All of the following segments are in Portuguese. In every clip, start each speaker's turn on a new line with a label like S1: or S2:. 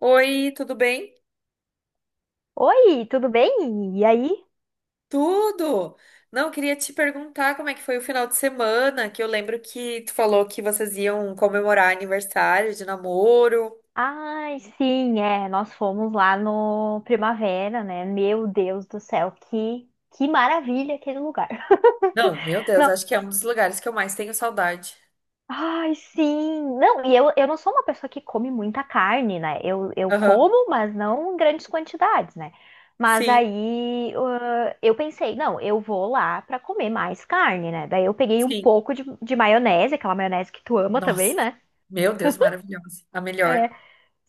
S1: Oi, tudo bem?
S2: Oi, tudo bem? E aí?
S1: Tudo! Não, queria te perguntar como é que foi o final de semana, que eu lembro que tu falou que vocês iam comemorar aniversário de namoro.
S2: Ai, sim, é, nós fomos lá no Primavera, né? Meu Deus do céu, que maravilha aquele lugar.
S1: Não, meu Deus,
S2: Não,
S1: acho que é um dos lugares que eu mais tenho saudade.
S2: ai, sim. Não, e eu não sou uma pessoa que come muita carne, né? Eu
S1: Aham.
S2: como, mas não em grandes quantidades, né? Mas
S1: Sim,
S2: aí eu pensei, não, eu vou lá pra comer mais carne, né? Daí eu peguei um
S1: sim.
S2: pouco de maionese, aquela maionese que tu ama também,
S1: Nossa,
S2: né?
S1: meu Deus, maravilhosa. A
S2: É.
S1: melhor.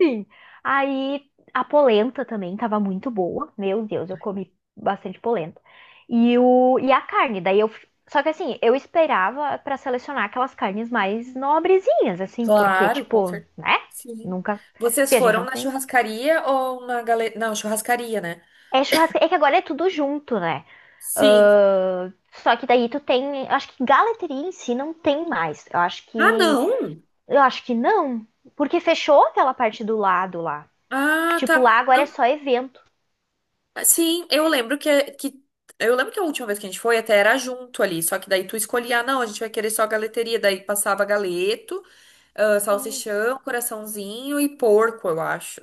S2: Sim. Aí a polenta também tava muito boa. Meu Deus, eu comi bastante polenta. E a carne, daí eu. Só que assim, eu esperava pra selecionar aquelas carnes mais nobrezinhas, assim, porque,
S1: Claro, com
S2: tipo,
S1: certeza.
S2: né?
S1: Sim.
S2: Nunca. Porque
S1: Vocês
S2: a gente
S1: foram
S2: não
S1: na
S2: tem.
S1: churrascaria ou na galeria? Não, churrascaria, né?
S2: É churrasco. É que agora é tudo junto, né?
S1: Sim.
S2: Ahn, Só que daí tu tem. Acho que galeteria em si não tem mais. Eu acho
S1: Ah,
S2: que.
S1: não!
S2: Eu acho que não. Porque fechou aquela parte do lado lá.
S1: Ah, tá.
S2: Tipo, lá agora é
S1: Não.
S2: só evento.
S1: Sim, eu lembro que, é, que eu lembro que a última vez que a gente foi até era junto ali, só que daí tu escolhia, ah, não, a gente vai querer só galeteria, daí passava galeto, ah, salsichão, coraçãozinho e porco, eu acho.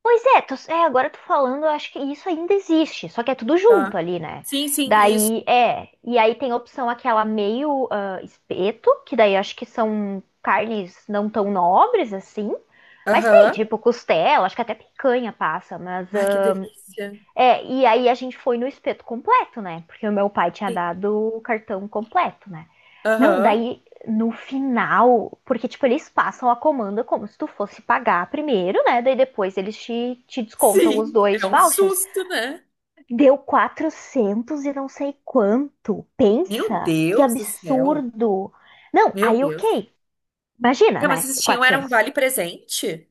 S2: Pois é, é, agora tu falando, eu acho que isso ainda existe, só que é tudo
S1: Tá.
S2: junto ali, né?
S1: Sim, sim, isso.
S2: Daí, é, e aí tem a opção aquela meio espeto, que daí acho que são carnes não tão nobres assim, mas tem,
S1: Aham.
S2: tipo costela, acho que até picanha passa, mas
S1: Ai, que delícia.
S2: é, e aí a gente foi no espeto completo, né? Porque o meu pai tinha
S1: Sim.
S2: dado o cartão completo, né? Não,
S1: Aham.
S2: daí no final, porque tipo, eles passam a comanda como se tu fosse pagar primeiro, né? Daí depois eles te descontam os
S1: Sim, é
S2: dois
S1: um
S2: vouchers.
S1: susto, né?
S2: Deu 400 e não sei quanto.
S1: Meu
S2: Pensa, que
S1: Deus do céu.
S2: absurdo. Não,
S1: Meu
S2: aí
S1: Deus.
S2: ok. Imagina,
S1: Ah, mas
S2: né?
S1: vocês tinham era um
S2: 400.
S1: vale presente?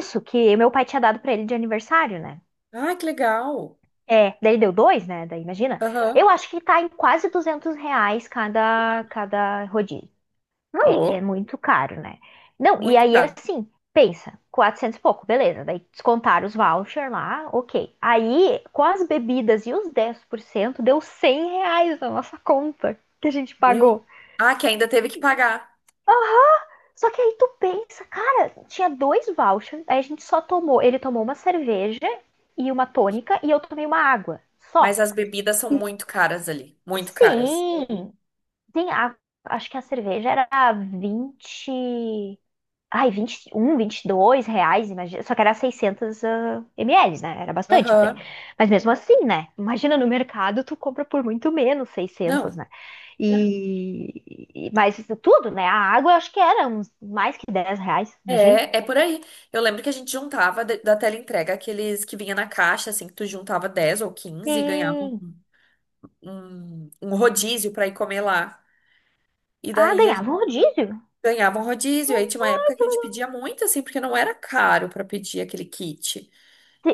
S2: Isso que meu pai tinha dado pra ele de aniversário, né?
S1: Ai, que legal.
S2: É, daí deu dois, né? Daí imagina.
S1: Aham.
S2: Eu acho que tá em quase R$ 200 cada rodízio.
S1: Tá
S2: É
S1: louco.
S2: muito caro, né? Não, e
S1: Muito
S2: aí
S1: caro.
S2: assim, pensa, 400 e pouco, beleza. Daí descontaram os vouchers lá, ok. Aí, com as bebidas e os 10% deu R$ 100 na nossa conta que a gente
S1: Meu.
S2: pagou.
S1: Ah, que ainda teve que pagar.
S2: Só que aí tu pensa, cara, tinha dois vouchers, aí a gente só tomou, ele tomou uma cerveja e uma tônica e eu tomei uma água.
S1: Mas
S2: Só.
S1: as bebidas são muito caras ali. Muito caras.
S2: Sim, Tem a, acho que a cerveja era 20 ai, um 21, R$ 2, imagina, só que era 600 ml, né? Era bastante até.
S1: Aham.
S2: Mas mesmo assim, né? Imagina no mercado tu compra por muito menos 600,
S1: Não.
S2: né? E mas isso tudo, né? A água eu acho que era uns mais que R$ 10, imagina.
S1: É, é por aí. Eu lembro que a gente juntava de- da teleentrega aqueles que vinha na caixa, assim, que tu juntava 10 ou 15 e ganhava
S2: E
S1: um rodízio pra ir comer lá. E daí a
S2: ganhava
S1: gente
S2: um rodízio.
S1: ganhava um rodízio. Aí tinha uma
S2: Ai,
S1: época que a
S2: que
S1: gente pedia muito, assim, porque não era caro pra pedir aquele kit.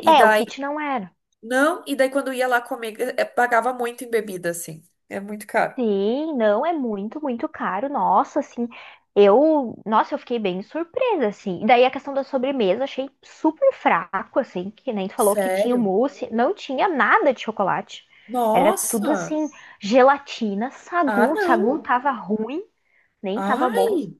S1: E
S2: É, o
S1: daí,
S2: kit não era.
S1: não, e daí quando ia lá comer, pagava muito em bebida, assim. É muito caro.
S2: Sim, não é muito, muito caro. Nossa, assim, eu, nossa, eu fiquei bem surpresa, assim. E daí a questão da sobremesa, achei super fraco, assim, que nem tu falou que tinha o
S1: Sério?
S2: mousse, não tinha nada de chocolate. Era tudo
S1: Nossa!
S2: assim, gelatina,
S1: Ah,
S2: sagu, sagu
S1: não!
S2: tava ruim, nem tava bom.
S1: Ai!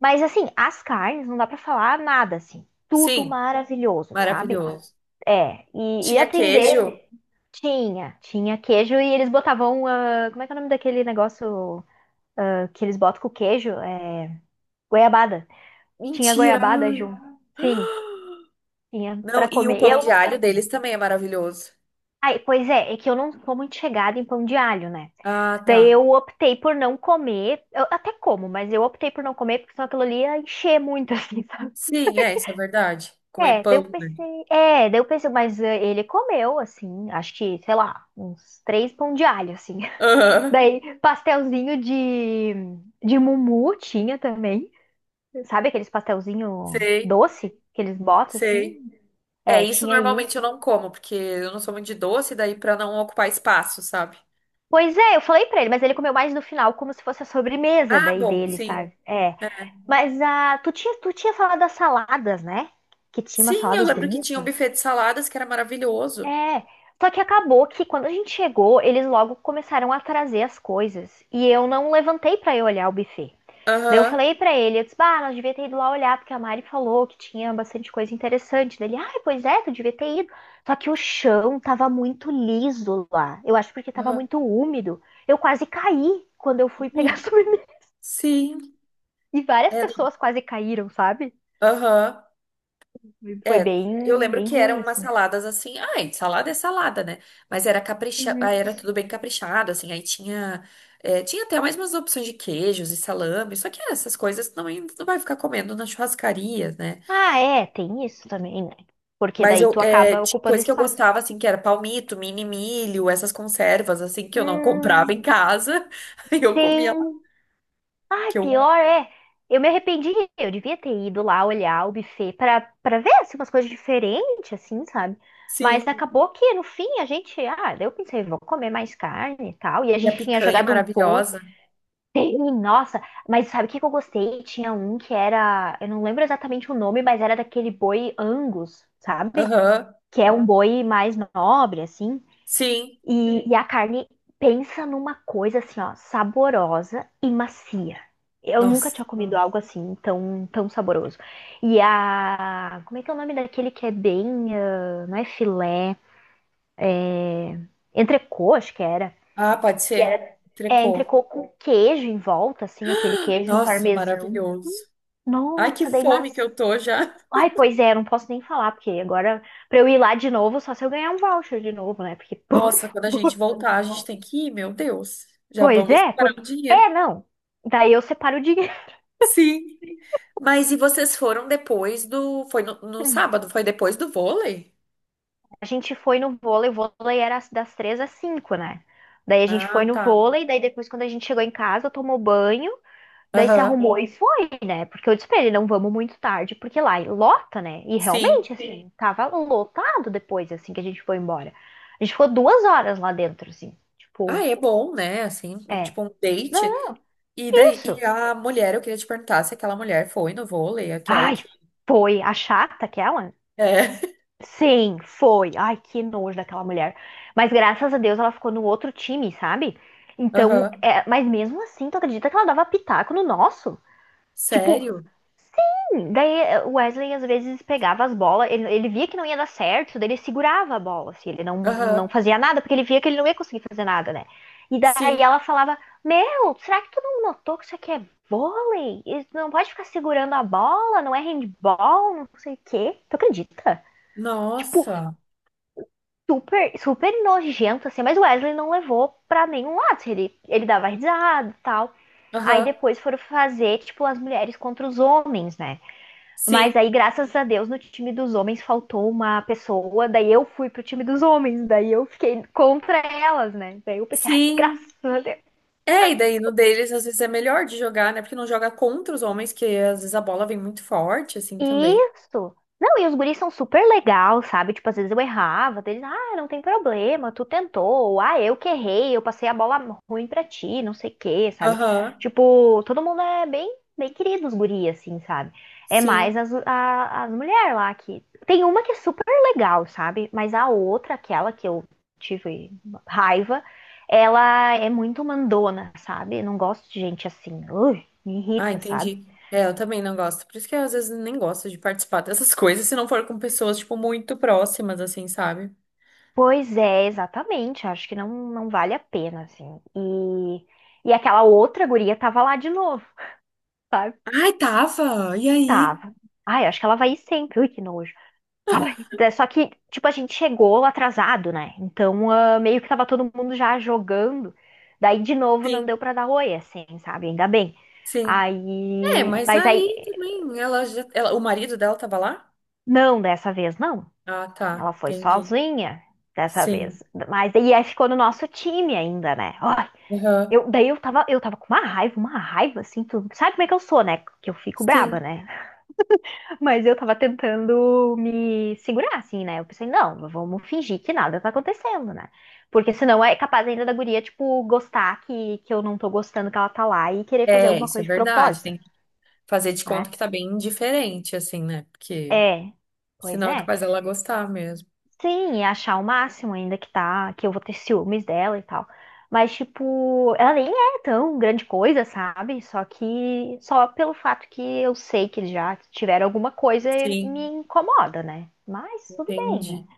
S2: Mas assim, as carnes não dá pra falar nada assim. Tudo
S1: Sim,
S2: maravilhoso, sabe?
S1: maravilhoso.
S2: É, e
S1: Tinha
S2: atenderam.
S1: queijo?
S2: Tinha queijo e eles botavam, ah, como é que é o nome daquele negócio? Ah, que eles botam com queijo, é goiabada. Tinha
S1: Mentira!
S2: goiabada, Ju?
S1: Ai.
S2: Sim, tinha
S1: Não,
S2: pra
S1: e o
S2: comer.
S1: pão
S2: Eu
S1: de
S2: não
S1: alho
S2: sei.
S1: deles também é maravilhoso.
S2: Ai, pois é, é que eu não sou muito chegada em pão de alho, né?
S1: Ah, tá.
S2: Daí eu optei por não comer. Eu até como, mas eu optei por não comer, porque senão aquilo ali ia encher muito, assim, sabe?
S1: Sim, é, isso é verdade. Comer
S2: É, daí
S1: pão,
S2: eu
S1: né?
S2: pensei. É, daí eu pensei, mas ele comeu, assim, acho que, sei lá, uns três pão de alho, assim.
S1: Aham,
S2: Daí pastelzinho de mumu tinha também. Sabe aqueles pastelzinho
S1: sei,
S2: doce que eles botam
S1: sei.
S2: assim?
S1: É,
S2: É,
S1: isso
S2: tinha
S1: normalmente
S2: isso.
S1: eu não como, porque eu não sou muito de doce, daí pra não ocupar espaço, sabe?
S2: Pois é, eu falei pra ele, mas ele comeu mais no final, como se fosse a sobremesa
S1: Ah,
S2: daí
S1: bom,
S2: dele,
S1: sim.
S2: sabe? É. Mas tu tinha falado das saladas, né? Que tinha umas
S1: Sim, eu
S2: saladas
S1: lembro que tinha um
S2: bonitas.
S1: buffet de saladas que era maravilhoso.
S2: É, só que acabou que quando a gente chegou, eles logo começaram a trazer as coisas e eu não levantei pra ir olhar o buffet. Daí eu
S1: Aham,
S2: falei pra ele, eu disse, bah, nós devia ter ido lá olhar, porque a Mari falou que tinha bastante coisa interessante. Daí ele, ai, pois é, tu devia ter ido. Só que o chão tava muito liso lá. Eu acho porque tava
S1: aham.
S2: muito úmido. Eu quase caí quando eu fui
S1: Ui,
S2: pegar sobremesa.
S1: sim,
S2: E várias
S1: é, não-
S2: pessoas quase caíram, sabe?
S1: aham.
S2: Foi
S1: É, eu
S2: bem,
S1: lembro
S2: bem
S1: que
S2: ruim,
S1: eram umas
S2: assim.
S1: saladas assim, ai, salada é salada, né? Mas era capricha, ah, era tudo bem caprichado, assim, aí tinha, é, tinha até mais umas opções de queijos e salame, só que essas coisas não, não vai ficar comendo na churrascaria, né?
S2: Ah, é, tem isso também, né? Porque
S1: Mas
S2: daí
S1: eu,
S2: tu
S1: é,
S2: acaba
S1: tinha
S2: ocupando
S1: coisa que eu
S2: espaço.
S1: gostava, assim, que era palmito, mini milho, essas conservas, assim, que eu não comprava
S2: Hum,
S1: em casa, aí eu comia lá,
S2: tem. Ai,
S1: que eu,
S2: pior é. Eu me arrependi. Eu devia ter ido lá olhar o buffet pra ver assim, umas coisas diferentes, assim, sabe? Mas
S1: sim,
S2: acabou que no fim a gente. Ah, daí eu pensei, vou comer mais carne e tal. E a
S1: e a
S2: gente tinha
S1: picanha
S2: jogado um pouco.
S1: maravilhosa,
S2: Nossa, mas sabe o que que eu gostei? Tinha um que era. Eu não lembro exatamente o nome, mas era daquele boi Angus, sabe?
S1: aham,
S2: Que é um boi mais nobre, assim.
S1: sim,
S2: E a carne, pensa numa coisa assim, ó, saborosa e macia. Eu nunca
S1: nossa,
S2: tinha comido algo assim, tão, tão saboroso. E a. Como é que é o nome daquele que é bem. Ah, não é filé? Entrecô, acho que era.
S1: ah, pode
S2: Que
S1: ser,
S2: era. É,
S1: trecou.
S2: entrecô com queijo em volta, assim, aquele queijo
S1: Nossa,
S2: parmesão.
S1: maravilhoso. Ai, que
S2: Nossa, daí
S1: fome que
S2: macia.
S1: eu tô já.
S2: Ai, pois é, não posso nem falar, porque agora, pra eu ir lá de novo, só se eu ganhar um voucher de novo, né? Porque, por
S1: Nossa, quando a gente voltar, a
S2: favor.
S1: gente tem que ir, meu Deus. Já
S2: Pois
S1: vamos
S2: é,
S1: parar o
S2: porque.
S1: dinheiro.
S2: É, não. Daí eu separo o dinheiro.
S1: Sim. Mas e vocês foram depois do. Foi no, no sábado? Foi depois do vôlei?
S2: A gente foi no vôlei, o vôlei era das 3 às 5, né? Daí a gente foi
S1: Ah,
S2: no
S1: tá.
S2: vôlei, daí depois quando a gente chegou em casa, tomou banho, daí se
S1: Aham.
S2: arrumou, sim, e foi, né? Porque eu disse pra ele, não vamos muito tarde, porque lá lota, né? E realmente,
S1: Sim.
S2: sim, assim, sim, tava lotado depois, assim, que a gente foi embora. A gente ficou 2 horas lá dentro, assim.
S1: Ah,
S2: Tipo,
S1: é bom, né? Assim,
S2: é.
S1: tipo um date.
S2: Não,
S1: E
S2: é
S1: daí, e
S2: isso.
S1: a mulher, eu queria te perguntar se aquela mulher foi no vôlei, aquela
S2: Ai,
S1: que.
S2: foi a chata aquela.
S1: É.
S2: Sim, foi. Ai, que nojo daquela mulher. Mas graças a Deus ela ficou no outro time, sabe? Então,
S1: Aham.
S2: é... mas mesmo assim, tu acredita que ela dava pitaco no nosso? Tipo,
S1: Sério?
S2: sim! Daí o Wesley às vezes pegava as bolas, ele via que não ia dar certo, daí ele segurava a bola, assim, ele não
S1: Aham.
S2: fazia nada, porque ele via que ele não ia conseguir fazer nada, né? E daí
S1: Sim.
S2: ela falava: Meu, será que tu não notou que isso aqui é vôlei? Isso não pode ficar segurando a bola, não é handball, não sei o quê. Tu acredita? Tipo,
S1: Nossa.
S2: super, super nojento, assim, mas o Wesley não levou pra nenhum lado, assim. Ele dava risada e tal. Aí
S1: Aham.
S2: depois foram fazer, tipo, as mulheres contra os homens, né? Mas
S1: Sim.
S2: aí, graças a Deus, no time dos homens faltou uma pessoa, daí eu fui pro time dos homens, daí eu fiquei contra elas, né? Daí eu pensei, ai,
S1: Sim.
S2: graças a Deus.
S1: É, e daí no deles às vezes é melhor de jogar, né? Porque não joga contra os homens, que às vezes a bola vem muito forte, assim também.
S2: Isso. Não, e os guris são super legal, sabe? Tipo, às vezes eu errava, deles, ah, não tem problema, tu tentou, ou, ah, eu que errei, eu passei a bola ruim pra ti, não sei o quê, sabe?
S1: Aham.
S2: Tipo, todo mundo é bem, bem querido, os guris, assim, sabe? É mais
S1: Sim.
S2: as mulheres lá que. Tem uma que é super legal, sabe? Mas a outra, aquela que eu tive raiva, ela é muito mandona, sabe? Eu não gosto de gente assim. Ui, me
S1: Ah,
S2: irrita, sabe?
S1: entendi. É, eu também não gosto. Por isso que eu às vezes nem gosto de participar dessas coisas, se não for com pessoas, tipo, muito próximas, assim, sabe?
S2: Pois é, exatamente. Acho que não vale a pena, assim. E aquela outra guria tava lá de novo, sabe?
S1: Ai, tava! E aí?
S2: Tava. Ai, acho que ela vai ir sempre. Ui, que nojo. Ai, só que, tipo, a gente chegou atrasado, né? Então, ah, meio que tava todo mundo já jogando. Daí, de novo, não
S1: Sim,
S2: deu pra dar oi, assim, sabe? Ainda bem.
S1: sim. É,
S2: Aí,
S1: mas
S2: mas aí,
S1: aí também ela já. Ela, o marido dela tava lá?
S2: não, dessa vez não.
S1: Ah,
S2: Ela
S1: tá.
S2: foi
S1: Entendi.
S2: sozinha dessa
S1: Sim.
S2: vez. Mas, e aí ficou no nosso time ainda, né?
S1: Aham.
S2: Eu, daí eu tava com uma raiva, assim, tu sabe como é que eu sou, né? Que eu fico braba,
S1: Sim.
S2: né? Mas eu tava tentando me segurar, assim, né? Eu pensei, não, vamos fingir que nada tá acontecendo, né? Porque senão é capaz ainda da guria, tipo, gostar que, eu não tô gostando que ela tá lá e querer fazer
S1: É,
S2: alguma
S1: isso é
S2: coisa de
S1: verdade.
S2: propósito,
S1: Tem fazer de conta
S2: né?
S1: que tá bem indiferente, assim, né? Porque
S2: É, pois
S1: senão é
S2: é.
S1: capaz dela gostar mesmo.
S2: Sim, e achar o máximo ainda que tá, que eu vou ter ciúmes dela e tal. Mas, tipo, ela nem é tão grande coisa, sabe? Só que, só pelo fato que eu sei que eles já tiveram alguma coisa, me
S1: Sim.
S2: incomoda, né? Mas tudo bem, né?
S1: Entendi.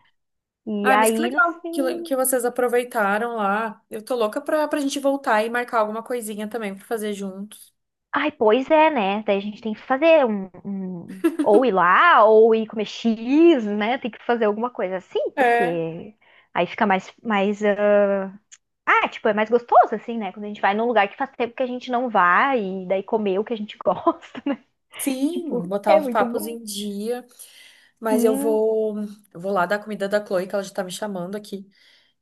S2: E
S1: Ah, mas que
S2: aí, no
S1: legal que, le-
S2: fim.
S1: que vocês aproveitaram lá. Eu tô louca pra, pra gente voltar e marcar alguma coisinha também pra fazer juntos.
S2: Ai, pois é, né? Daí a gente tem que fazer ou ir lá, ou ir comer X, né? Tem que fazer alguma coisa assim,
S1: É.
S2: porque aí fica mais, mais, ah, tipo, é mais gostoso, assim, né? Quando a gente vai num lugar que faz tempo que a gente não vai e daí comer o que a gente gosta, né?
S1: Sim,
S2: Tipo,
S1: botar
S2: é
S1: os
S2: muito
S1: papos
S2: bom.
S1: em dia. Mas eu
S2: Sim,
S1: vou, eu vou lá dar comida da Chloe, que ela já tá me chamando aqui.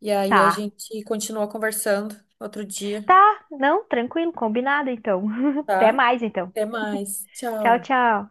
S1: E aí a
S2: tá.
S1: gente continua conversando outro dia,
S2: Tá, não, tranquilo, combinado então. Até
S1: tá?
S2: mais então.
S1: Até mais.
S2: Tchau,
S1: Tchau.
S2: tchau.